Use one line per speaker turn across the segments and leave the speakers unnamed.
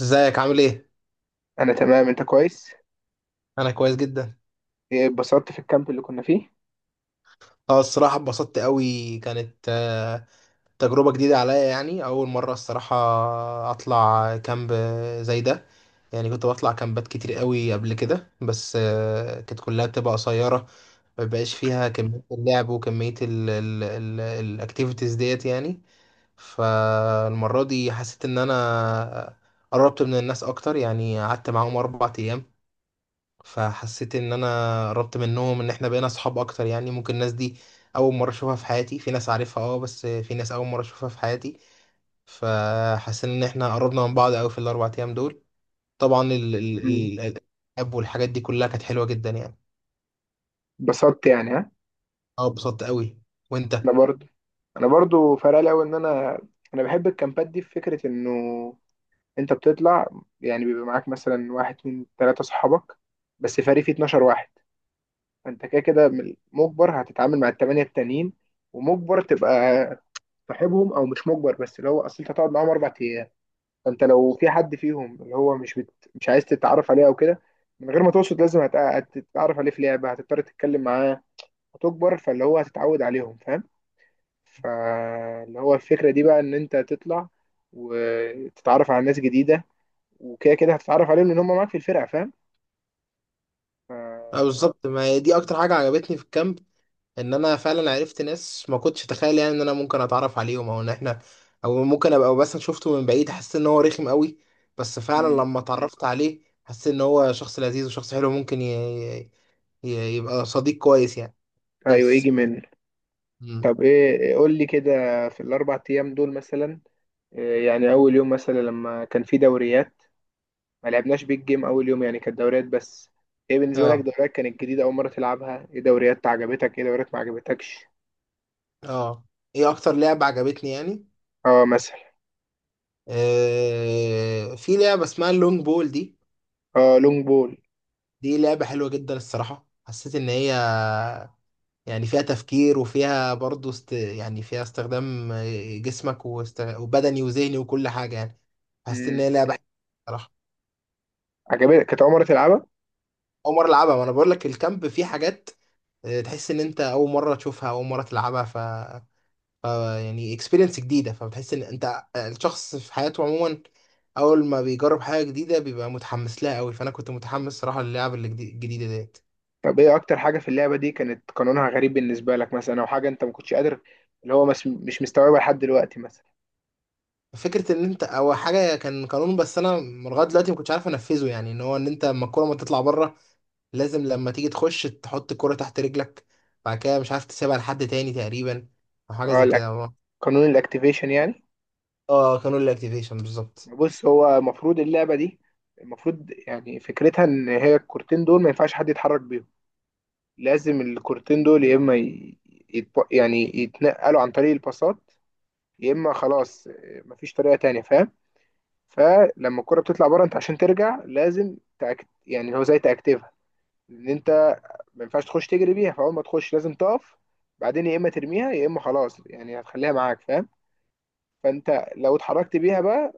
ازيك عامل ايه؟
انا تمام، انت كويس؟
انا كويس جدا.
إيه، اتبسطت في الكامب اللي كنا فيه؟
اه الصراحه اتبسطت قوي. كانت تجربه جديده عليا، يعني اول مره الصراحه اطلع كامب زي ده. يعني كنت بطلع كامبات كتير قوي قبل كده، بس كانت كلها بتبقى قصيره، ما بيبقاش فيها كميه اللعب وكميه الاكتيفيتيز ديت يعني. فالمره دي حسيت ان انا قربت من الناس اكتر، يعني قعدت معاهم 4 ايام، فحسيت ان انا قربت منهم، ان احنا بقينا اصحاب اكتر. يعني ممكن الناس دي اول مره اشوفها في حياتي، في ناس عارفها اه، بس في ناس اول مره اشوفها في حياتي. فحسيت ان احنا قربنا من بعض قوي في الـ4 ايام دول. طبعا ال ال
مم.
ال الالعاب والحاجات دي كلها كانت حلوه جدا يعني.
اتبسطت يعني، ها؟
اه اتبسطت قوي. وانت؟
انا برضو. انا برضو فرق لي أوي ان انا بحب الكامبات دي، في فكره انه انت بتطلع، يعني بيبقى معاك مثلا واحد اتنين تلاته صحابك، بس فريق فيه 12 واحد. فانت كده كده مجبر هتتعامل مع التمانيه التانيين، ومجبر تبقى صاحبهم، او مش مجبر بس اللي هو اصل انت هتقعد معاهم 4 ايام. فانت لو في حد فيهم اللي هو مش عايز تتعرف عليه او كده، من غير ما تقصد لازم هتتعرف عليه في لعبه، هتضطر تتكلم معاه، هتكبر فاللي هو هتتعود عليهم، فاهم؟ فاللي هو الفكره دي بقى ان انت تطلع وتتعرف على ناس جديده، وكده كده هتتعرف عليهم لان هم معاك في الفرقه، فاهم؟ ف...
اه بالظبط، ما هي دي اكتر حاجه عجبتني في الكامب، ان انا فعلا عرفت ناس ما كنتش اتخيل يعني ان انا ممكن اتعرف عليهم، او ان احنا او ممكن ابقى بس شفته من بعيد حسيت ان هو رخم قوي، بس فعلا
مم.
لما اتعرفت عليه حسيت ان هو شخص لذيذ وشخص حلو، ممكن ي... يبقى صديق كويس يعني.
ايوه. يجي
بس.
من
مم.
طب ايه، قول لي كده، في الاربع ايام دول مثلا، إيه يعني اول يوم مثلا لما كان في دوريات؟ ما لعبناش بيج جيم اول يوم، يعني كانت دوريات بس. ايه بالنسبه لك
اه.
دوريات؟ كانت جديده اول مره تلعبها؟ ايه دوريات عجبتك؟ ايه دوريات ما عجبتكش؟
اه. ايه اكتر لعبة عجبتني يعني؟
اه، مثلا.
في لعبة اسمها اللونج بول دي.
اه، لونج بول.
دي لعبة حلوة جدا الصراحة. حسيت ان هي يعني فيها تفكير، وفيها برضه يعني فيها استخدام جسمك وبدني وذهني وكل حاجة يعني. حسيت إن
امم.
هي لعبة صراحة.
عجبتك؟ كانت اول مره تلعبها؟
أول مرة ألعبها. ما أنا بقول لك الكامب فيه حاجات تحس إن أنت أول مرة تشوفها، أول مرة تلعبها. ف... يعني اكسبيرينس جديدة، فبتحس إن أنت الشخص في حياته عموما أول ما بيجرب حاجة جديدة بيبقى متحمس لها أوي، فأنا كنت متحمس صراحة للعب الجديدة ديت.
طب ايه اكتر حاجه في اللعبه دي كانت قانونها غريب بالنسبه لك، مثلا، او حاجه انت ما كنتش قادر اللي هو مش مستوعبها لحد دلوقتي مثلا؟
فكرة ان انت او حاجة كان قانون، بس انا لغاية دلوقتي ما كنتش عارف انفذه، يعني ان هو ان انت لما الكرة ما تطلع بره لازم لما تيجي تخش تحط الكرة تحت رجلك، بعد كده مش عارف تسيبها لحد تاني تقريبا، او حاجة
اه،
زي كده.
قانون الاكتيفيشن يعني.
اه قانون الاكتيفيشن بالظبط.
بص، هو المفروض اللعبه دي المفروض يعني فكرتها ان هي الكورتين دول ما ينفعش حد يتحرك بيهم، لازم الكورتين دول يا اما يعني يتنقلوا عن طريق الباصات، يا اما خلاص، مفيش طريقه تانية، فاهم؟ فلما الكره بتطلع بره، انت عشان ترجع لازم يعني هو زي تاكتيفها، ان انت ما ينفعش تخش تجري بيها، فاول ما تخش لازم تقف، بعدين يا اما ترميها يا اما خلاص، يعني هتخليها معاك، فاهم؟ فانت لو اتحركت بيها بقى،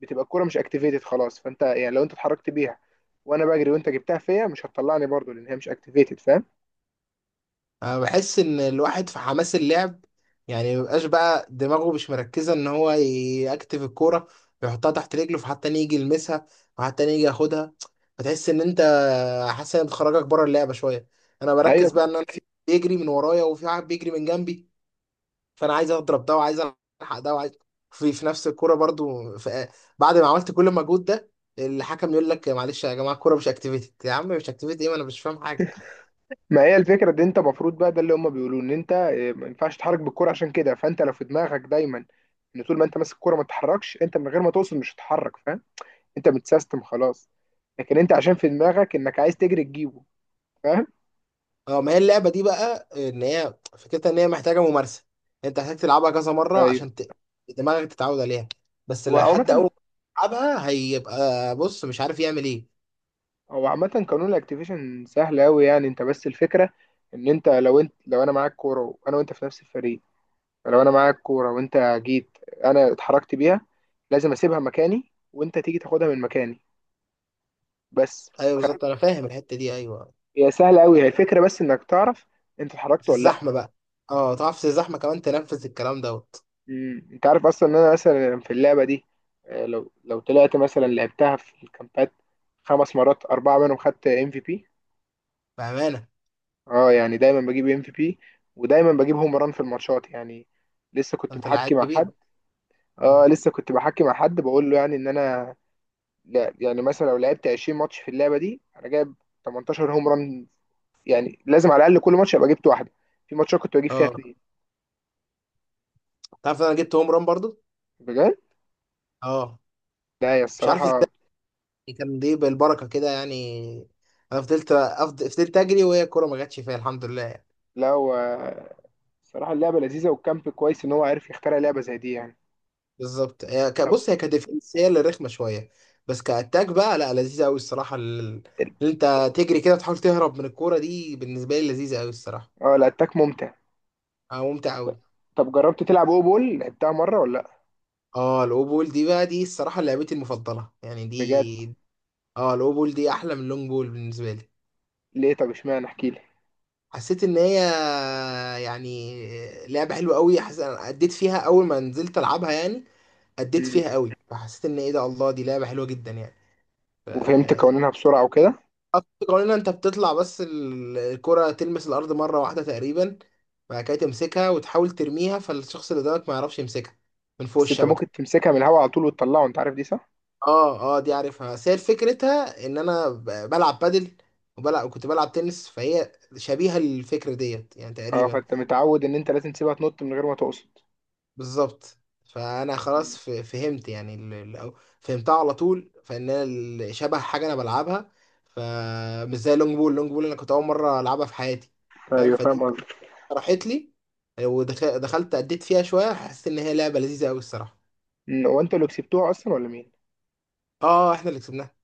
بتبقى الكره مش اكتيفيتد خلاص، فانت يعني لو انت اتحركت بيها وانا بجري وانت جبتها فيا، مش هتطلعني برضو لان هي مش اكتيفيتد، فاهم؟
انا بحس ان الواحد في حماس اللعب يعني مبقاش بقى دماغه مش مركزه ان هو يكتف الكوره، يحطها تحت رجله، فحتى تاني يجي يلمسها وحتى تاني يجي ياخدها. فتحس ان انت حاسس ان بتخرجك بره اللعبه شويه. انا بركز
ايوه.
بقى ان انا في بيجري من ورايا وفي واحد بيجري من جنبي، فانا عايز اضرب ده وعايز الحق ده وعايز في في نفس الكوره برضو، في بعد ما عملت كل المجهود ده الحكم يقول لك معلش يا جماعه الكوره مش اكتيفيتد. يا عم مش اكتيفيتد ايه، ما انا مش فاهم حاجه.
ما هي الفكرة دي، انت المفروض بقى ده اللي هم بيقولوه، ان انت ما ينفعش تتحرك بالكرة، عشان كده فانت لو في دماغك دايما ان طول ما انت ماسك الكرة ما تتحركش، انت من غير ما توصل مش هتتحرك، فاهم؟ انت متسيستم خلاص. لكن انت عشان في دماغك انك عايز تجري تجيبه، فاهم؟
اه ما هي اللعبه دي بقى ان هي فكرتها ان هي محتاجه ممارسه، انت محتاج تلعبها كذا مره
ايوه.
عشان دماغك تتعود عليها. بس لو
وعامة،
حد اول ما يلعبها هيبقى بص مش عارف يعمل ايه.
هو عامة قانون الاكتيفيشن سهل قوي، يعني انت بس الفكرة ان انت لو انا معاك كورة وانا وانت في نفس الفريق، لو انا معاك كورة وانت جيت، انا اتحركت بيها، لازم اسيبها مكاني وانت تيجي تاخدها من مكاني، بس.
ايوه بالظبط انا فاهم الحته دي، ايوه.
هي سهلة أوي، هي الفكرة بس إنك تعرف أنت اتحركت
في
ولا لأ.
الزحمه بقى، اه تعرف في الزحمه كمان تنفذ الكلام دوت.
مم. أنت عارف أصلا إن أنا مثلا في اللعبة دي، لو طلعت مثلا لعبتها في الكامبات خمس مرات، أربعة منهم خدت ام في بي.
بامانه.
أه يعني دايما بجيب ام في بي، ودايما بجيب هوم ران في الماتشات يعني. لسه كنت
انت لعيب
بحكي مع
كبير
حد.
بقى.
أه
مم.
لسه كنت بحكي مع حد بقول له يعني إن أنا، لا يعني مثلا لو لعبت 20 ماتش في اللعبة دي أنا جايب 18 هوم ران، يعني لازم على الأقل كل ماتش أبقى جبت واحدة، في ماتشات كنت بجيب فيها
اه،
اتنين.
تعرف انا جبت هوم ران برضو.
بجد.
اه.
لا هي
مش عارف ازاي،
الصراحة
يعني كان دي بالبركه كده يعني. انا فضلت اجري وهي الكوره ما جاتش فيها الحمد لله.
لا هو الصراحة اللعبة لذيذة، والكامب كويس إن هو عارف يخترع لعبة زي دي يعني.
بالظبط هي
طب.
بص هي كديفنس هي اللي رخمه شويه، بس كاتاك بقى لا لذيذه قوي الصراحه. اللي انت تجري كده تحاول تهرب من الكوره دي بالنسبه لي لذيذه قوي الصراحه.
اه، الأتاك ممتع.
اه ممتع قوي.
طب جربت تلعب أو بول؟ لعبتها مرة ولا لأ؟
اه الاوبول دي بقى دي الصراحه لعبتي المفضله يعني
بجد؟
دي. اه الاوبول دي احلى من اللونج بول بالنسبه لي.
ليه؟ طب اشمعنى، احكيلي.
حسيت ان هي يعني لعبه حلوه قوي، حسيت انا اديت فيها اول ما نزلت العبها يعني، اديت
مم.
فيها قوي فحسيت ان ايه ده، الله دي لعبه حلوه جدا يعني.
وفهمت قوانينها بسرعة وكده؟
خط قوانينها انت بتطلع بس الكرة تلمس الارض مرة واحدة تقريبا، بعد كده تمسكها وتحاول ترميها فالشخص اللي قدامك ما يعرفش يمسكها من فوق
بس أنت ممكن
الشبكة.
تمسكها من الهوا على طول وتطلعه، أنت عارف دي صح؟
اه اه دي عارفها، بس هي فكرتها ان انا بلعب بادل، وبلعب كنت بلعب تنس، فهي شبيهة للفكرة ديت يعني
اه،
تقريبا.
فأنت متعود إن أنت لازم تسيبها تنط من غير ما تقصد.
بالظبط. فانا خلاص
مم.
فهمت يعني فهمتها على طول، فان انا شبه حاجة انا بلعبها. فمش زي اللونج بول، اللونج بول انا كنت اول مرة العبها في حياتي. فاهم.
أيوه، فاهم
فدي
قصدك.
راحت لي، ودخلت اديت فيها شويه، حسيت ان هي لعبه لذيذه قوي الصراحه.
مم. هو أنتوا اللي كسبتوها أصلا ولا مين؟
اه احنا اللي كسبناها.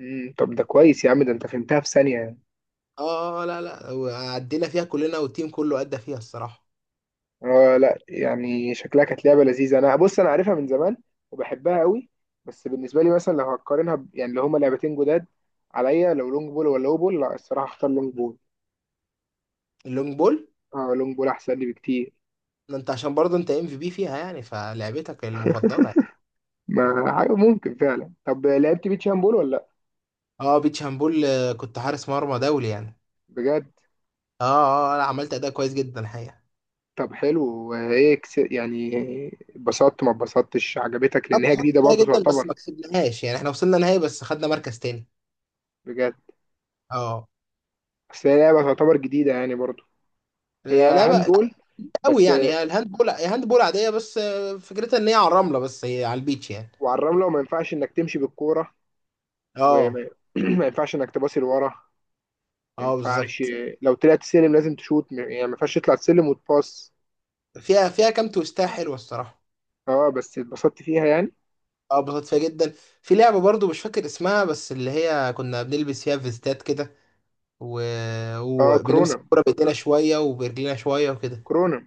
مم. طب ده كويس يا عم، ده أنت فهمتها في ثانية يعني.
اه لا لا وعدينا فيها كلنا والتيم كله ادى فيها الصراحه.
آه لا، يعني شكلها كانت لعبة لذيذة. أنا بص، أنا عارفها من زمان وبحبها قوي، بس بالنسبة لي مثلا لو هقارنها يعني اللي هما لعبتين جداد عليا، لو لونج بول ولا لو بول، لا الصراحة هختار لونج بول.
اللونج بول.
اه، لونج بول أحسن لي بكتير.
ما انت عشان برضه انت ام في بي فيها يعني، فلعبتك المفضله يعني.
ما حاجة ممكن فعلا. طب لعبت بيتش هاند بول ولا لأ؟
اه بيتش هامبول كنت حارس مرمى دولي يعني.
بجد؟
اه اه لا عملت اداء كويس جدا الحقيقه.
طب حلو، ايه يعني اتبسطت ما اتبسطتش؟ عجبتك؟ لأن
خدت
هي
خط
جديدة
كويس
برضو
جدا، بس
تعتبر.
ما كسبناهاش، يعني احنا وصلنا نهائي بس خدنا مركز تاني.
بجد؟
اه.
بس هي لعبة تعتبر جديدة يعني برضو. هي
لا لا
هاند
بقى، لا
بول
قوي
بس.
يعني، هي الهاند بول هي هاند بول عاديه، بس فكرتها ان هي على الرمله بس هي على البيتش يعني.
وعلى الرملة، وما ينفعش إنك تمشي بالكورة.
اه.
وما ما ينفعش انك تباصي لورا. ما
اه
ينفعش،
بالظبط.
لو طلعت سلم لازم تشوت، يعني ما ينفعش تطلع السلم وتباص.
فيها كام تويستاية حلوه الصراحه.
اه، بس اتبسطت فيها يعني.
اه اتبسطت فيها جدا. في لعبه برضو مش فاكر اسمها، بس اللي هي كنا بنلبس فيها فيستات كده و...
اه،
وبنمسك
كورونا.
الكوره بايدينا شويه وبرجلينا شويه وكده.
كورونا.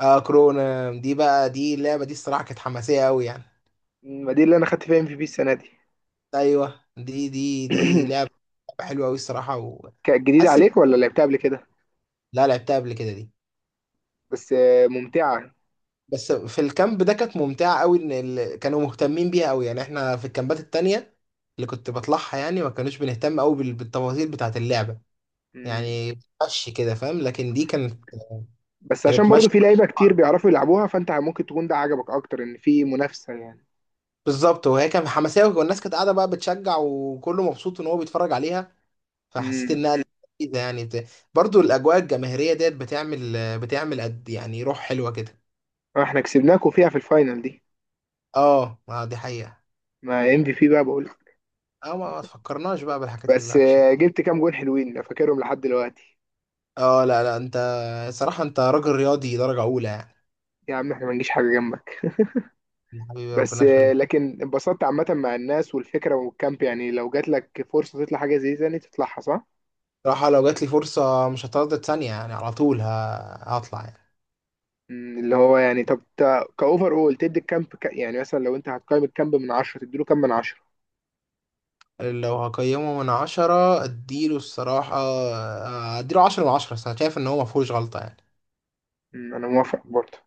اه كورونا دي بقى، دي اللعبه دي الصراحه كانت حماسيه قوي يعني.
ما دي اللي انا خدت فيها ام في بي السنه دي.
ايوه دي لعبه حلوه قوي الصراحه،
كانت جديده
وحاسس
عليك ولا لعبتها قبل كده؟
لا لعبتها قبل كده دي،
بس ممتعه.
بس في الكامب ده كانت ممتعة قوي، ان ال... كانوا مهتمين بيها قوي يعني. احنا في الكامبات التانية اللي كنت بطلعها يعني ما كانوش بنهتم قوي بالتفاصيل بتاعة اللعبة
مم.
يعني. مشي كده فاهم، لكن دي كانت
بس عشان
كانت
برضو
مشي.
في لعيبه كتير بيعرفوا يلعبوها، فانت ممكن تكون ده عجبك اكتر ان في منافسه يعني.
بالظبط، وهي كانت حماسية والناس كانت قاعدة بقى بتشجع وكله مبسوط ان هو بيتفرج عليها، فحسيت
امم.
انها لذيذة يعني برضو الاجواء الجماهيرية ديت بتعمل قد يعني روح حلوة كده.
احنا كسبناكوا فيها في الفاينل دي.
اه ما دي حقيقة.
ما ام في بي بقى بقول.
اه ما تفكرناش بقى بالحاجات
بس
الوحشة.
جبت كام جون حلوين أنا فاكرهم لحد دلوقتي.
اه لا لا انت صراحة انت راجل رياضي درجة أولى يعني.
يا عم احنا ما نجيش حاجة جنبك.
حبيبي
بس
ربنا يخليك.
لكن اتبسطت عامة مع الناس والفكرة والكامب، يعني لو جات لك فرصة تطلع حاجة زي دي تاني تطلعها صح؟
صراحة لو جات لي فرصة مش هتردد ثانية يعني، على طول هطلع.
مم. اللي هو يعني، طب، كأوفر أول تدي الكامب يعني مثلا لو أنت هتقيم الكامب من 10 تديله كام من 10؟
يعني لو هقيمه من 10 اديله الصراحة، اديله 10 من 10. أنا شايف ان هو مفهوش غلطة يعني.
مم، أنا موافق برضه.